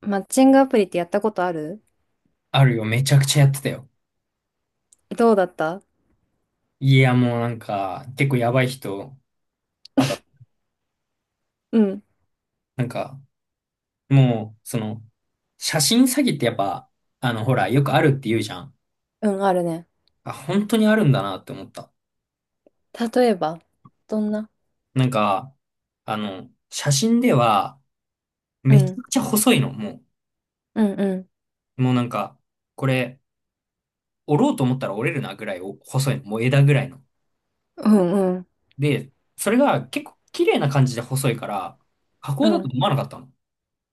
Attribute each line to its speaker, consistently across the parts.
Speaker 1: マッチングアプリってやったことある？
Speaker 2: あるよ。めちゃくちゃやってたよ。
Speaker 1: どうだった？
Speaker 2: いや、もうなんか、結構やばい人、あた、
Speaker 1: うん。
Speaker 2: なんか、もう、その、写真詐欺ってやっぱ、あの、ほら、よくあるって言うじゃん。
Speaker 1: うん、あるね。
Speaker 2: あ、本当にあるんだなって思った。
Speaker 1: 例えば、どんな？
Speaker 2: なんか、あの、写真では、
Speaker 1: う
Speaker 2: めちゃ
Speaker 1: ん、
Speaker 2: くちゃ細いの、も
Speaker 1: うん、うん、
Speaker 2: う。もうなんか、これ、折ろうと思ったら折れるなぐらいお細いの。もう枝ぐらいの。
Speaker 1: うん、うん、
Speaker 2: で、それが結構綺麗な感じで細いから、加
Speaker 1: う
Speaker 2: 工だと
Speaker 1: ん、
Speaker 2: 思わなかったの。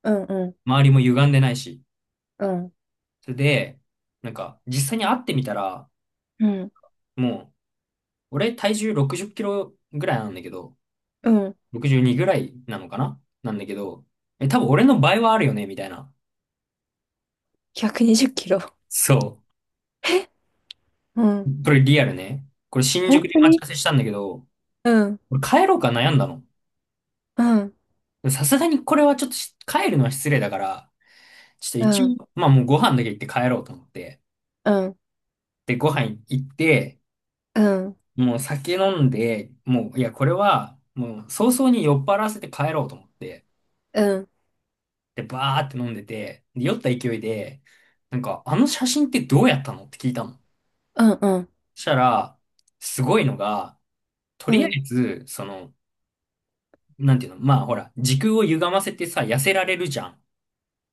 Speaker 1: うん、うん、
Speaker 2: 周りも歪んでないし。
Speaker 1: うん、
Speaker 2: それで、なんか、実際に会ってみたら、
Speaker 1: うん、
Speaker 2: もう、俺体重60キロぐらいなんだけど、
Speaker 1: うん。
Speaker 2: 62ぐらいなのかななんだけど、え、多分俺の倍はあるよね、みたいな。
Speaker 1: 120キロ。
Speaker 2: そ
Speaker 1: うん。
Speaker 2: う。これリアルね。これ新
Speaker 1: 本
Speaker 2: 宿で
Speaker 1: 当
Speaker 2: 待ち合
Speaker 1: に？
Speaker 2: わせしたんだけど、
Speaker 1: うん、
Speaker 2: 俺帰ろうか悩んだの。
Speaker 1: うん、
Speaker 2: さすがにこれはちょっと帰るのは失礼だから、ちょっ
Speaker 1: う
Speaker 2: と一
Speaker 1: ん、
Speaker 2: 応、まあもうご飯だけ行って帰ろうと思って。
Speaker 1: うん、うん、
Speaker 2: で、ご飯行って、
Speaker 1: うん、
Speaker 2: もう酒飲んで、もう、いや、これは、もう早々に酔っ払わせて帰ろうと思って。
Speaker 1: うん、
Speaker 2: で、バーって飲んでて、で、酔った勢いで、なんか、あの写真ってどうやったのって聞いたの。
Speaker 1: うん、
Speaker 2: そしたら、すごいのが、と
Speaker 1: う
Speaker 2: りあえ
Speaker 1: ん。
Speaker 2: ず、その、なんていうの、まあほら、時空を歪ませてさ、痩せられるじゃん。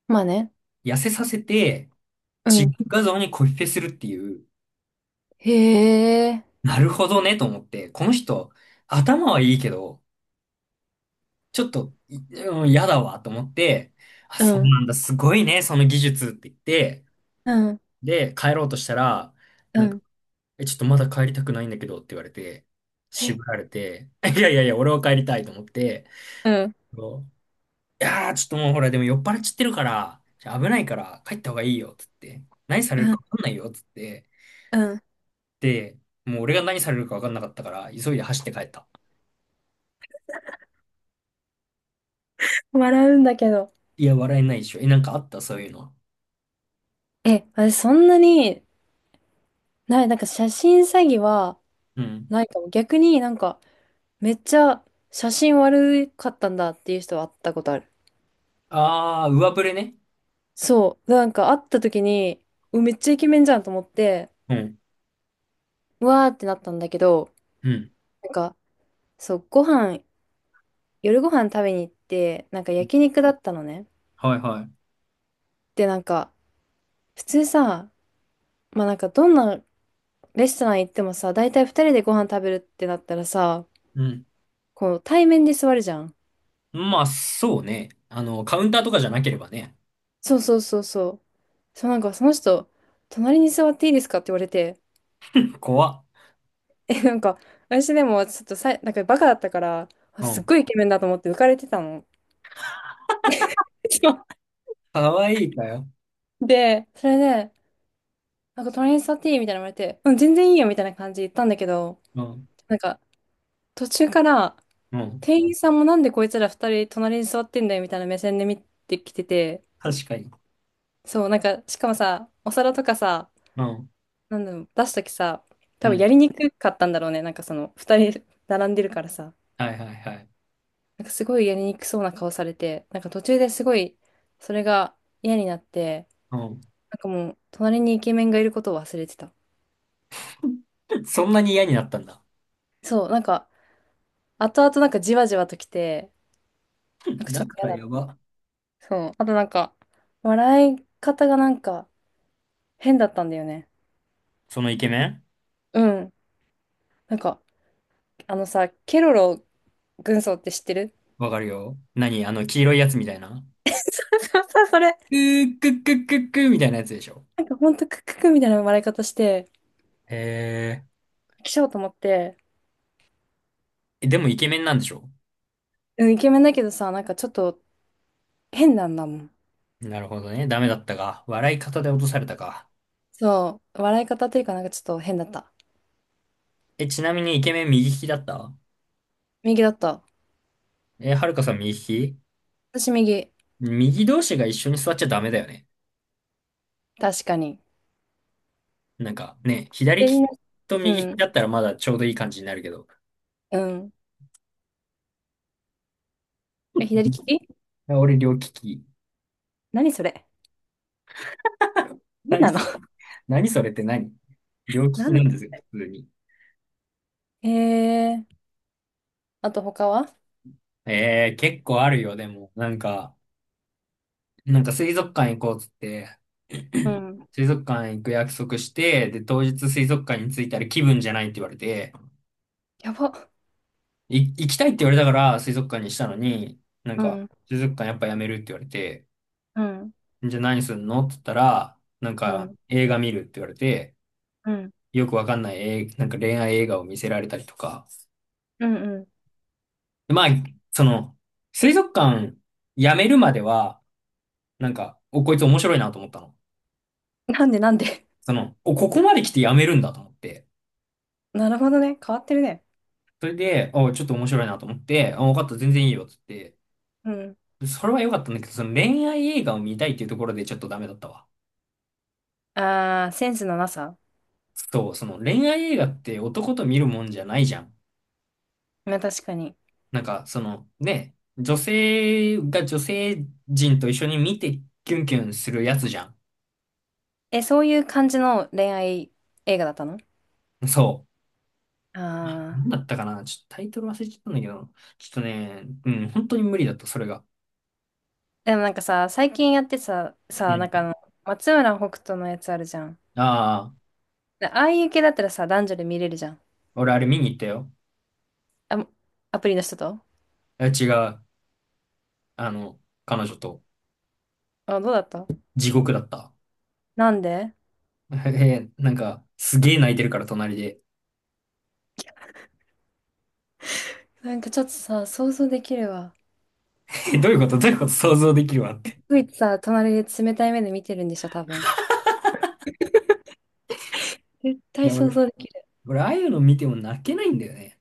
Speaker 1: まあね。
Speaker 2: 痩せさせて、
Speaker 1: う
Speaker 2: 違う
Speaker 1: ん。
Speaker 2: 画像にコピペするっていう、
Speaker 1: へえ。
Speaker 2: なるほどね、と思って、この人、頭はいいけど、ちょっと、うん、嫌だわ、と思って、あ、
Speaker 1: う
Speaker 2: そう
Speaker 1: ん、
Speaker 2: なんだ、すごいね、その技術って言って、
Speaker 1: うん、
Speaker 2: で、帰ろうとしたら、
Speaker 1: う
Speaker 2: なんか
Speaker 1: ん。
Speaker 2: ちょっとまだ帰りたくないんだけどって言われて、
Speaker 1: へ、
Speaker 2: 渋られて、いやいやいや、俺は帰りたいと思って、
Speaker 1: うん、
Speaker 2: そういやー、ちょっともうほら、でも酔っ払っちゃってるから、じゃあ危ないから帰った方がいいよ、つって。何され
Speaker 1: う
Speaker 2: るか
Speaker 1: ん、
Speaker 2: 分かんないよ、つって。
Speaker 1: うん。
Speaker 2: で、もう俺が何されるか分かんなかったから、急いで走って帰った。
Speaker 1: 笑うんだけど。
Speaker 2: いや、笑えないでしょ。え、なんかあったそういうのは。
Speaker 1: え、私そんなに、なんか写真詐欺は、
Speaker 2: うん。
Speaker 1: ないかも。逆になんか、めっちゃ写真悪かったんだっていう人は会ったことある。
Speaker 2: あー、上振れね。
Speaker 1: そう。なんか会った時に、めっちゃイケメンじゃんと思って、
Speaker 2: うん。
Speaker 1: うわーってなったんだけど、
Speaker 2: うん。
Speaker 1: なんか、そう、夜ご飯食べに行って、なんか焼肉だったのね。
Speaker 2: はいはい。
Speaker 1: で、なんか、普通さ、まあなんかどんなレストラン行ってもさ、大体二人でご飯食べるってなったらさ、
Speaker 2: うん。
Speaker 1: こう対面で座るじゃん。
Speaker 2: まあ、そうね。あの、カウンターとかじゃなければね。
Speaker 1: そうそうそうそう。そうなんかその人、隣に座っていいですかって言われて、
Speaker 2: 怖っ。
Speaker 1: なんか、私でもちょっとなんかバカだったから、あ
Speaker 2: う
Speaker 1: すっ
Speaker 2: ん。
Speaker 1: ごいイケメンだと思って浮かれてたの。そ
Speaker 2: かわいいかよ。
Speaker 1: うで、それで、なんか隣に座っていいみたいなの言われて、うん、全然いいよみたいな感じで言ったんだけど、
Speaker 2: うん。
Speaker 1: なんか途中から
Speaker 2: うん。
Speaker 1: 店員さんもなんでこいつら二人隣に座ってんだよみたいな目線で見てきてて、
Speaker 2: 確かに。
Speaker 1: そう、なんかしかもさ、お皿とかさ、
Speaker 2: うん。
Speaker 1: なんだろう、出すときさ、
Speaker 2: う
Speaker 1: 多分や
Speaker 2: ん。
Speaker 1: りにくかったんだろうね。なんかその二人並んでるからさ。
Speaker 2: はいはいはい。
Speaker 1: なんかすごいやりにくそうな顔されて、なんか途中ですごい、それが嫌になって、
Speaker 2: うん。
Speaker 1: なんかもう、隣にイケメンがいることを忘れてた。
Speaker 2: そんなに嫌になったんだ。
Speaker 1: そう、なんか、後々なんかじわじわと来て、なんかちょ
Speaker 2: だ
Speaker 1: っと
Speaker 2: か
Speaker 1: 嫌
Speaker 2: ら
Speaker 1: だっ
Speaker 2: やば。
Speaker 1: た。そう。あとなんか、笑い方がなんか変だったんだよね。
Speaker 2: そのイケメン
Speaker 1: うん。なんか、あのさ、ケロロ軍曹って知ってる？
Speaker 2: わかるよ。何あの黄色いやつみたいな。
Speaker 1: そうそう、それ。
Speaker 2: くーくっくっくっくーみたいなやつでしょ。
Speaker 1: なんかほんとクックックみたいな笑い方して、
Speaker 2: へー
Speaker 1: 来ちゃおうと思って、
Speaker 2: え。でもイケメンなんでしょ？
Speaker 1: うん、イケメンだけどさ、なんかちょっと変なんだもん。
Speaker 2: なるほどね。ダメだったか。笑い方で落とされたか。
Speaker 1: そう、笑い方というかなんかちょっと変だった。
Speaker 2: え、ちなみにイケメン右利きだった？
Speaker 1: 右だった。
Speaker 2: え、はるかさん右利き？
Speaker 1: 私右。
Speaker 2: 右同士が一緒に座っちゃダメだよね。
Speaker 1: 確かに。
Speaker 2: なんかね、左利
Speaker 1: 左
Speaker 2: き
Speaker 1: の、
Speaker 2: と
Speaker 1: う
Speaker 2: 右利き
Speaker 1: ん、
Speaker 2: だったらまだちょうどいい感じになるけど。
Speaker 1: うん。え、左利き？
Speaker 2: 俺両利き。
Speaker 1: 何それ？何なの？
Speaker 2: 何それって何？両利 き
Speaker 1: 何な
Speaker 2: なん
Speaker 1: の？
Speaker 2: ですよ、普通に。
Speaker 1: えー、あと他は？
Speaker 2: ええ、結構あるよ、でも。なんか、なんか水族館行こうっつって、
Speaker 1: うん。
Speaker 2: 水族館行く約束して、で、当日水族館に着いたら気分じゃないって言われて、
Speaker 1: やば。
Speaker 2: い行きたいって言われたから水族館にしたのに、なん
Speaker 1: う
Speaker 2: か、
Speaker 1: ん、
Speaker 2: 水族館やっぱやめるって言われて、
Speaker 1: うん、
Speaker 2: じゃあ何すんのって言ったら、なん
Speaker 1: う
Speaker 2: か
Speaker 1: ん、
Speaker 2: 映画見るって言われて、
Speaker 1: うん、
Speaker 2: よくわかんないなんか恋愛映画を見せられたりとか。
Speaker 1: うん、うん。
Speaker 2: でまあ、その、水族館やめるまでは、なんか、お、こいつ面白いなと思ったの。
Speaker 1: なんでなんで？
Speaker 2: その、お、ここまで来てやめるんだと思って。
Speaker 1: なるほどね。変わってるね。
Speaker 2: それで、お、ちょっと面白いなと思って、あ、分かった、全然いいよ、つって。
Speaker 1: うん。
Speaker 2: でそれは良かったんだけど、その恋愛映画を見たいっていうところでちょっとダメだったわ。
Speaker 1: あー、センスのなさ。
Speaker 2: そう、その恋愛映画って男と見るもんじゃないじゃん。
Speaker 1: まあ確かに。
Speaker 2: なんか、その、ね、女性が女性人と一緒に見てキュンキュンするやつじゃん。
Speaker 1: え、そういう感じの恋愛映画だったの？
Speaker 2: そう。
Speaker 1: あ、
Speaker 2: なんだったかなちょっとタイトル忘れちゃったんだけど、ちょっとね、うん、本当に無理だった、それが。
Speaker 1: でもなんかさ、最近やってさ、
Speaker 2: う
Speaker 1: な
Speaker 2: ん。
Speaker 1: んかあの、松村北斗のやつあるじゃん。
Speaker 2: ああ、
Speaker 1: でああいう系だったらさ、男女で見れるじゃん。
Speaker 2: 俺あれ見に行ったよ。
Speaker 1: あ、アプリの人と？
Speaker 2: え違う。あの、彼女と
Speaker 1: あ、どうだった？
Speaker 2: 地獄だった。
Speaker 1: なんで？
Speaker 2: えなんか、すげえ泣いてるから隣で。
Speaker 1: なんかちょっとさ、想像できるわ。
Speaker 2: えどういうこと？どういうこと想像できるわって。
Speaker 1: ついさ、隣で冷たい目で見てるんでしょ、多分。絶
Speaker 2: い
Speaker 1: 対
Speaker 2: や、
Speaker 1: 想
Speaker 2: 俺、
Speaker 1: 像できる。
Speaker 2: 俺、ああいうの見ても泣けないんだよね。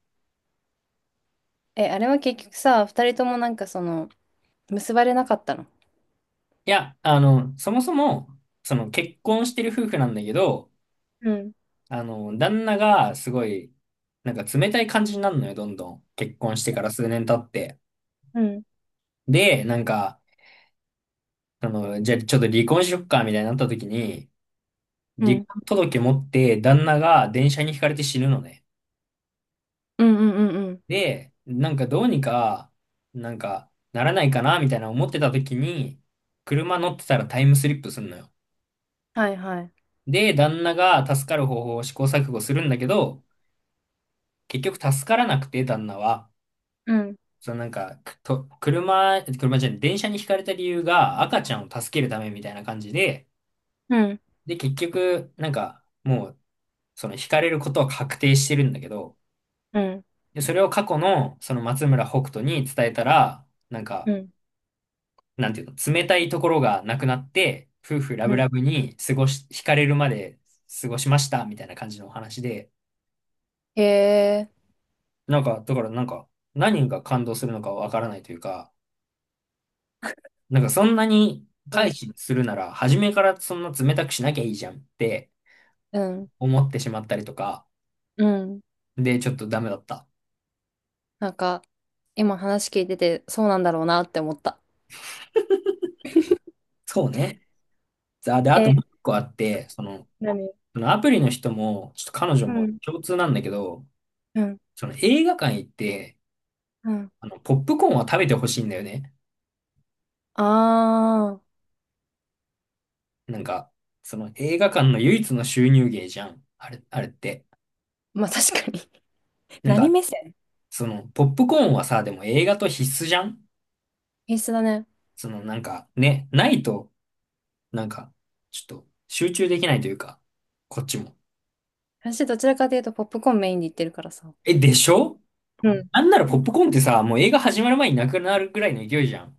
Speaker 1: え、あれは結局さ、二人ともなんかその、結ばれなかったの？
Speaker 2: いや、あの、そもそも、その結婚してる夫婦なんだけど、
Speaker 1: うん、
Speaker 2: あの、旦那がすごい、なんか冷たい感じになるのよ、どんどん。結婚してから数年経って。
Speaker 1: うん、
Speaker 2: で、なんか、あの、じゃあちょっと離婚しよっか、みたいになった時に、
Speaker 1: う
Speaker 2: 離
Speaker 1: ん、
Speaker 2: 婚届持って旦那が電車にひかれて死ぬのね。
Speaker 1: うん、うん、うん。うん。
Speaker 2: で、なんかどうにか、なんかならないかな、みたいな思ってた時に、車乗ってたらタイムスリップすんのよ。
Speaker 1: はいはい。
Speaker 2: で、旦那が助かる方法を試行錯誤するんだけど、結局助からなくて、旦那は。
Speaker 1: うん、
Speaker 2: そのなんか、車、車じゃない、電車にひかれた理由が赤ちゃんを助けるためみたいな感じで、
Speaker 1: うん、
Speaker 2: で、結局、なんか、もう、そのひかれることは確定してるんだけど、
Speaker 1: うん、
Speaker 2: で、それを過去の、その松村北斗に伝えたら、なん
Speaker 1: う
Speaker 2: か、
Speaker 1: ん、
Speaker 2: なんていうの、冷たいところがなくなって、夫婦ラ
Speaker 1: う
Speaker 2: ブ
Speaker 1: ん。
Speaker 2: ラブに過ごし、惹かれるまで過ごしました、みたいな感じのお話で、
Speaker 1: へえ。
Speaker 2: なんか、だからなんか、何が感動するのかわからないというか、なんかそんなに回避するなら、初めからそんな冷たくしなきゃいいじゃんって
Speaker 1: うん、
Speaker 2: 思ってしまったりとか、
Speaker 1: うん。
Speaker 2: で、ちょっとダメだった。
Speaker 1: なんか、今話聞いてて、そうなんだろうなって思った。
Speaker 2: そうね。あ、で、あと
Speaker 1: え、
Speaker 2: もう一個あって、その、
Speaker 1: 何？
Speaker 2: そのアプリの人も、ちょっと彼女
Speaker 1: う
Speaker 2: も
Speaker 1: ん、
Speaker 2: 共通なんだけど、
Speaker 1: うん、
Speaker 2: その映画館行って、
Speaker 1: うん。
Speaker 2: あの、ポップコーンは食べてほしいんだよね。
Speaker 1: あー、
Speaker 2: なんか、その映画館の唯一の収入源じゃん。あれ、あれって。
Speaker 1: まあ確かに。
Speaker 2: なん
Speaker 1: 何
Speaker 2: か、
Speaker 1: 目線？
Speaker 2: その、ポップコーンはさ、でも映画と必須じゃん？
Speaker 1: 必須だね。
Speaker 2: その、なんか、ね、ないと、なんか、ちょっと、集中できないというか、こっちも。
Speaker 1: 私どちらかというとポップコーンメインで言ってるからさ。
Speaker 2: え、でしょ？
Speaker 1: うん、
Speaker 2: なんならポップコーンってさ、もう映画始まる前になくなるぐらいの勢いじゃん。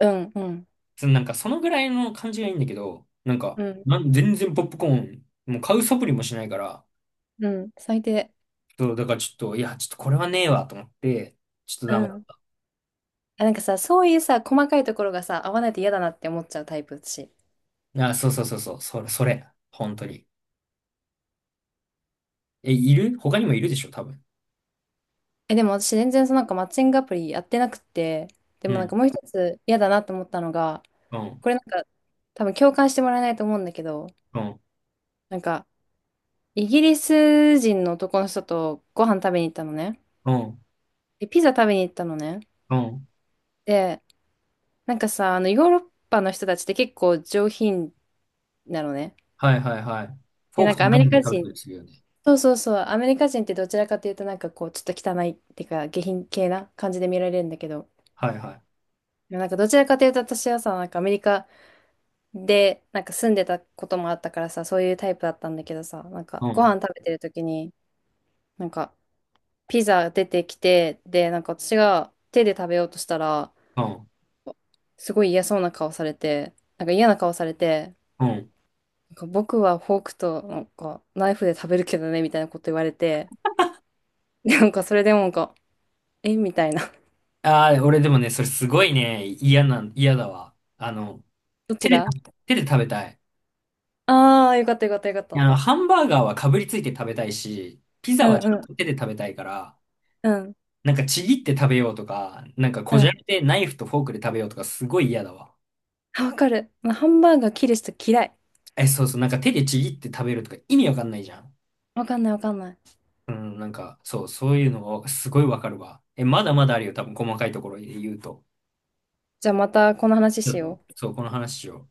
Speaker 1: うん、うん、
Speaker 2: その、なんか、そのぐらいの感じがいいんだけど、なんか、
Speaker 1: うん、
Speaker 2: 全然ポップコーン、もう買う素振りもしないから、
Speaker 1: うん、最低。
Speaker 2: そう、だからちょっと、いや、ちょっとこれはねえわ、と思って、ちょっと
Speaker 1: う
Speaker 2: ダメだ。
Speaker 1: ん。あ、なんかさ、そういうさ、細かいところがさ、合わないと嫌だなって思っちゃうタイプだし。
Speaker 2: あ、そうそうそうそう、それ、それ、本当に。え、いる？他にもいるでしょ、多分。
Speaker 1: え、でも私全然そのなんかマッチングアプリやってなくて、で
Speaker 2: う
Speaker 1: もなん
Speaker 2: ん、
Speaker 1: かもう一つ嫌だなと思ったのが、
Speaker 2: うん、
Speaker 1: これなんか多分共感してもらえないと思うんだけど、
Speaker 2: うん、
Speaker 1: なんか、イギリス人の男の人とご飯食べに行ったのね。
Speaker 2: うん、
Speaker 1: で、ピザ食べに行ったのね。
Speaker 2: うん。
Speaker 1: で、なんかさ、あの、ヨーロッパの人たちって結構上品なのね。
Speaker 2: はいはいはい。フ
Speaker 1: で、
Speaker 2: ォー
Speaker 1: な
Speaker 2: ク
Speaker 1: ん
Speaker 2: と
Speaker 1: かア
Speaker 2: ナ
Speaker 1: メ
Speaker 2: イフ
Speaker 1: リ
Speaker 2: で
Speaker 1: カ
Speaker 2: 食べ
Speaker 1: 人、
Speaker 2: たりするよね。
Speaker 1: そうそうそう、アメリカ人ってどちらかというとなんかこう、ちょっと汚いっていうか、下品系な感じで見られるんだけど、
Speaker 2: はいはい。
Speaker 1: なんかどちらかというと私はさ、なんかアメリカでなんか住んでたこともあったからさ、そういうタイプだったんだけどさ、なん
Speaker 2: う
Speaker 1: かご
Speaker 2: ん、
Speaker 1: 飯食べてる時に、なんかピザ出てきて、で、なんか私が手で食べようとしたら、
Speaker 2: うん、
Speaker 1: すごい嫌そうな顔されて、なんか嫌な顔されて、
Speaker 2: うん。
Speaker 1: なんか僕はフォークとなんかナイフで食べるけどね、みたいなこと言われて、でなんかそれでもなんか、えみたいな。
Speaker 2: ああ、俺でもね、それすごいね、嫌なん、嫌だわ。あの、
Speaker 1: どっち
Speaker 2: 手で
Speaker 1: が？
Speaker 2: 食べ、手で食べたい。
Speaker 1: ああー、よかったよかったよかっ
Speaker 2: あの、
Speaker 1: た。
Speaker 2: ハンバーガーはかぶりついて食べたいし、ピ
Speaker 1: う
Speaker 2: ザ
Speaker 1: ん
Speaker 2: はちゃ
Speaker 1: う
Speaker 2: ん
Speaker 1: ん、
Speaker 2: と手で食べたいから、
Speaker 1: うん、
Speaker 2: なんかちぎって食べようとか、なんか
Speaker 1: う
Speaker 2: こじ
Speaker 1: ん。
Speaker 2: ゃれてナイフとフォークで食べようとか、すごい嫌だわ。
Speaker 1: あ、わかる。まあハンバーガー切る人嫌い。
Speaker 2: え、そうそう、なんか手でちぎって食べるとか意味わかんないじゃん。
Speaker 1: わかんないわかんない。
Speaker 2: うん、なんか、そう、そういうのがすごいわかるわ。え、まだまだあるよ、多分細かいところで言うと。
Speaker 1: じゃあまたこの話
Speaker 2: ちょ
Speaker 1: し
Speaker 2: っと、
Speaker 1: よう。
Speaker 2: そう、この話を。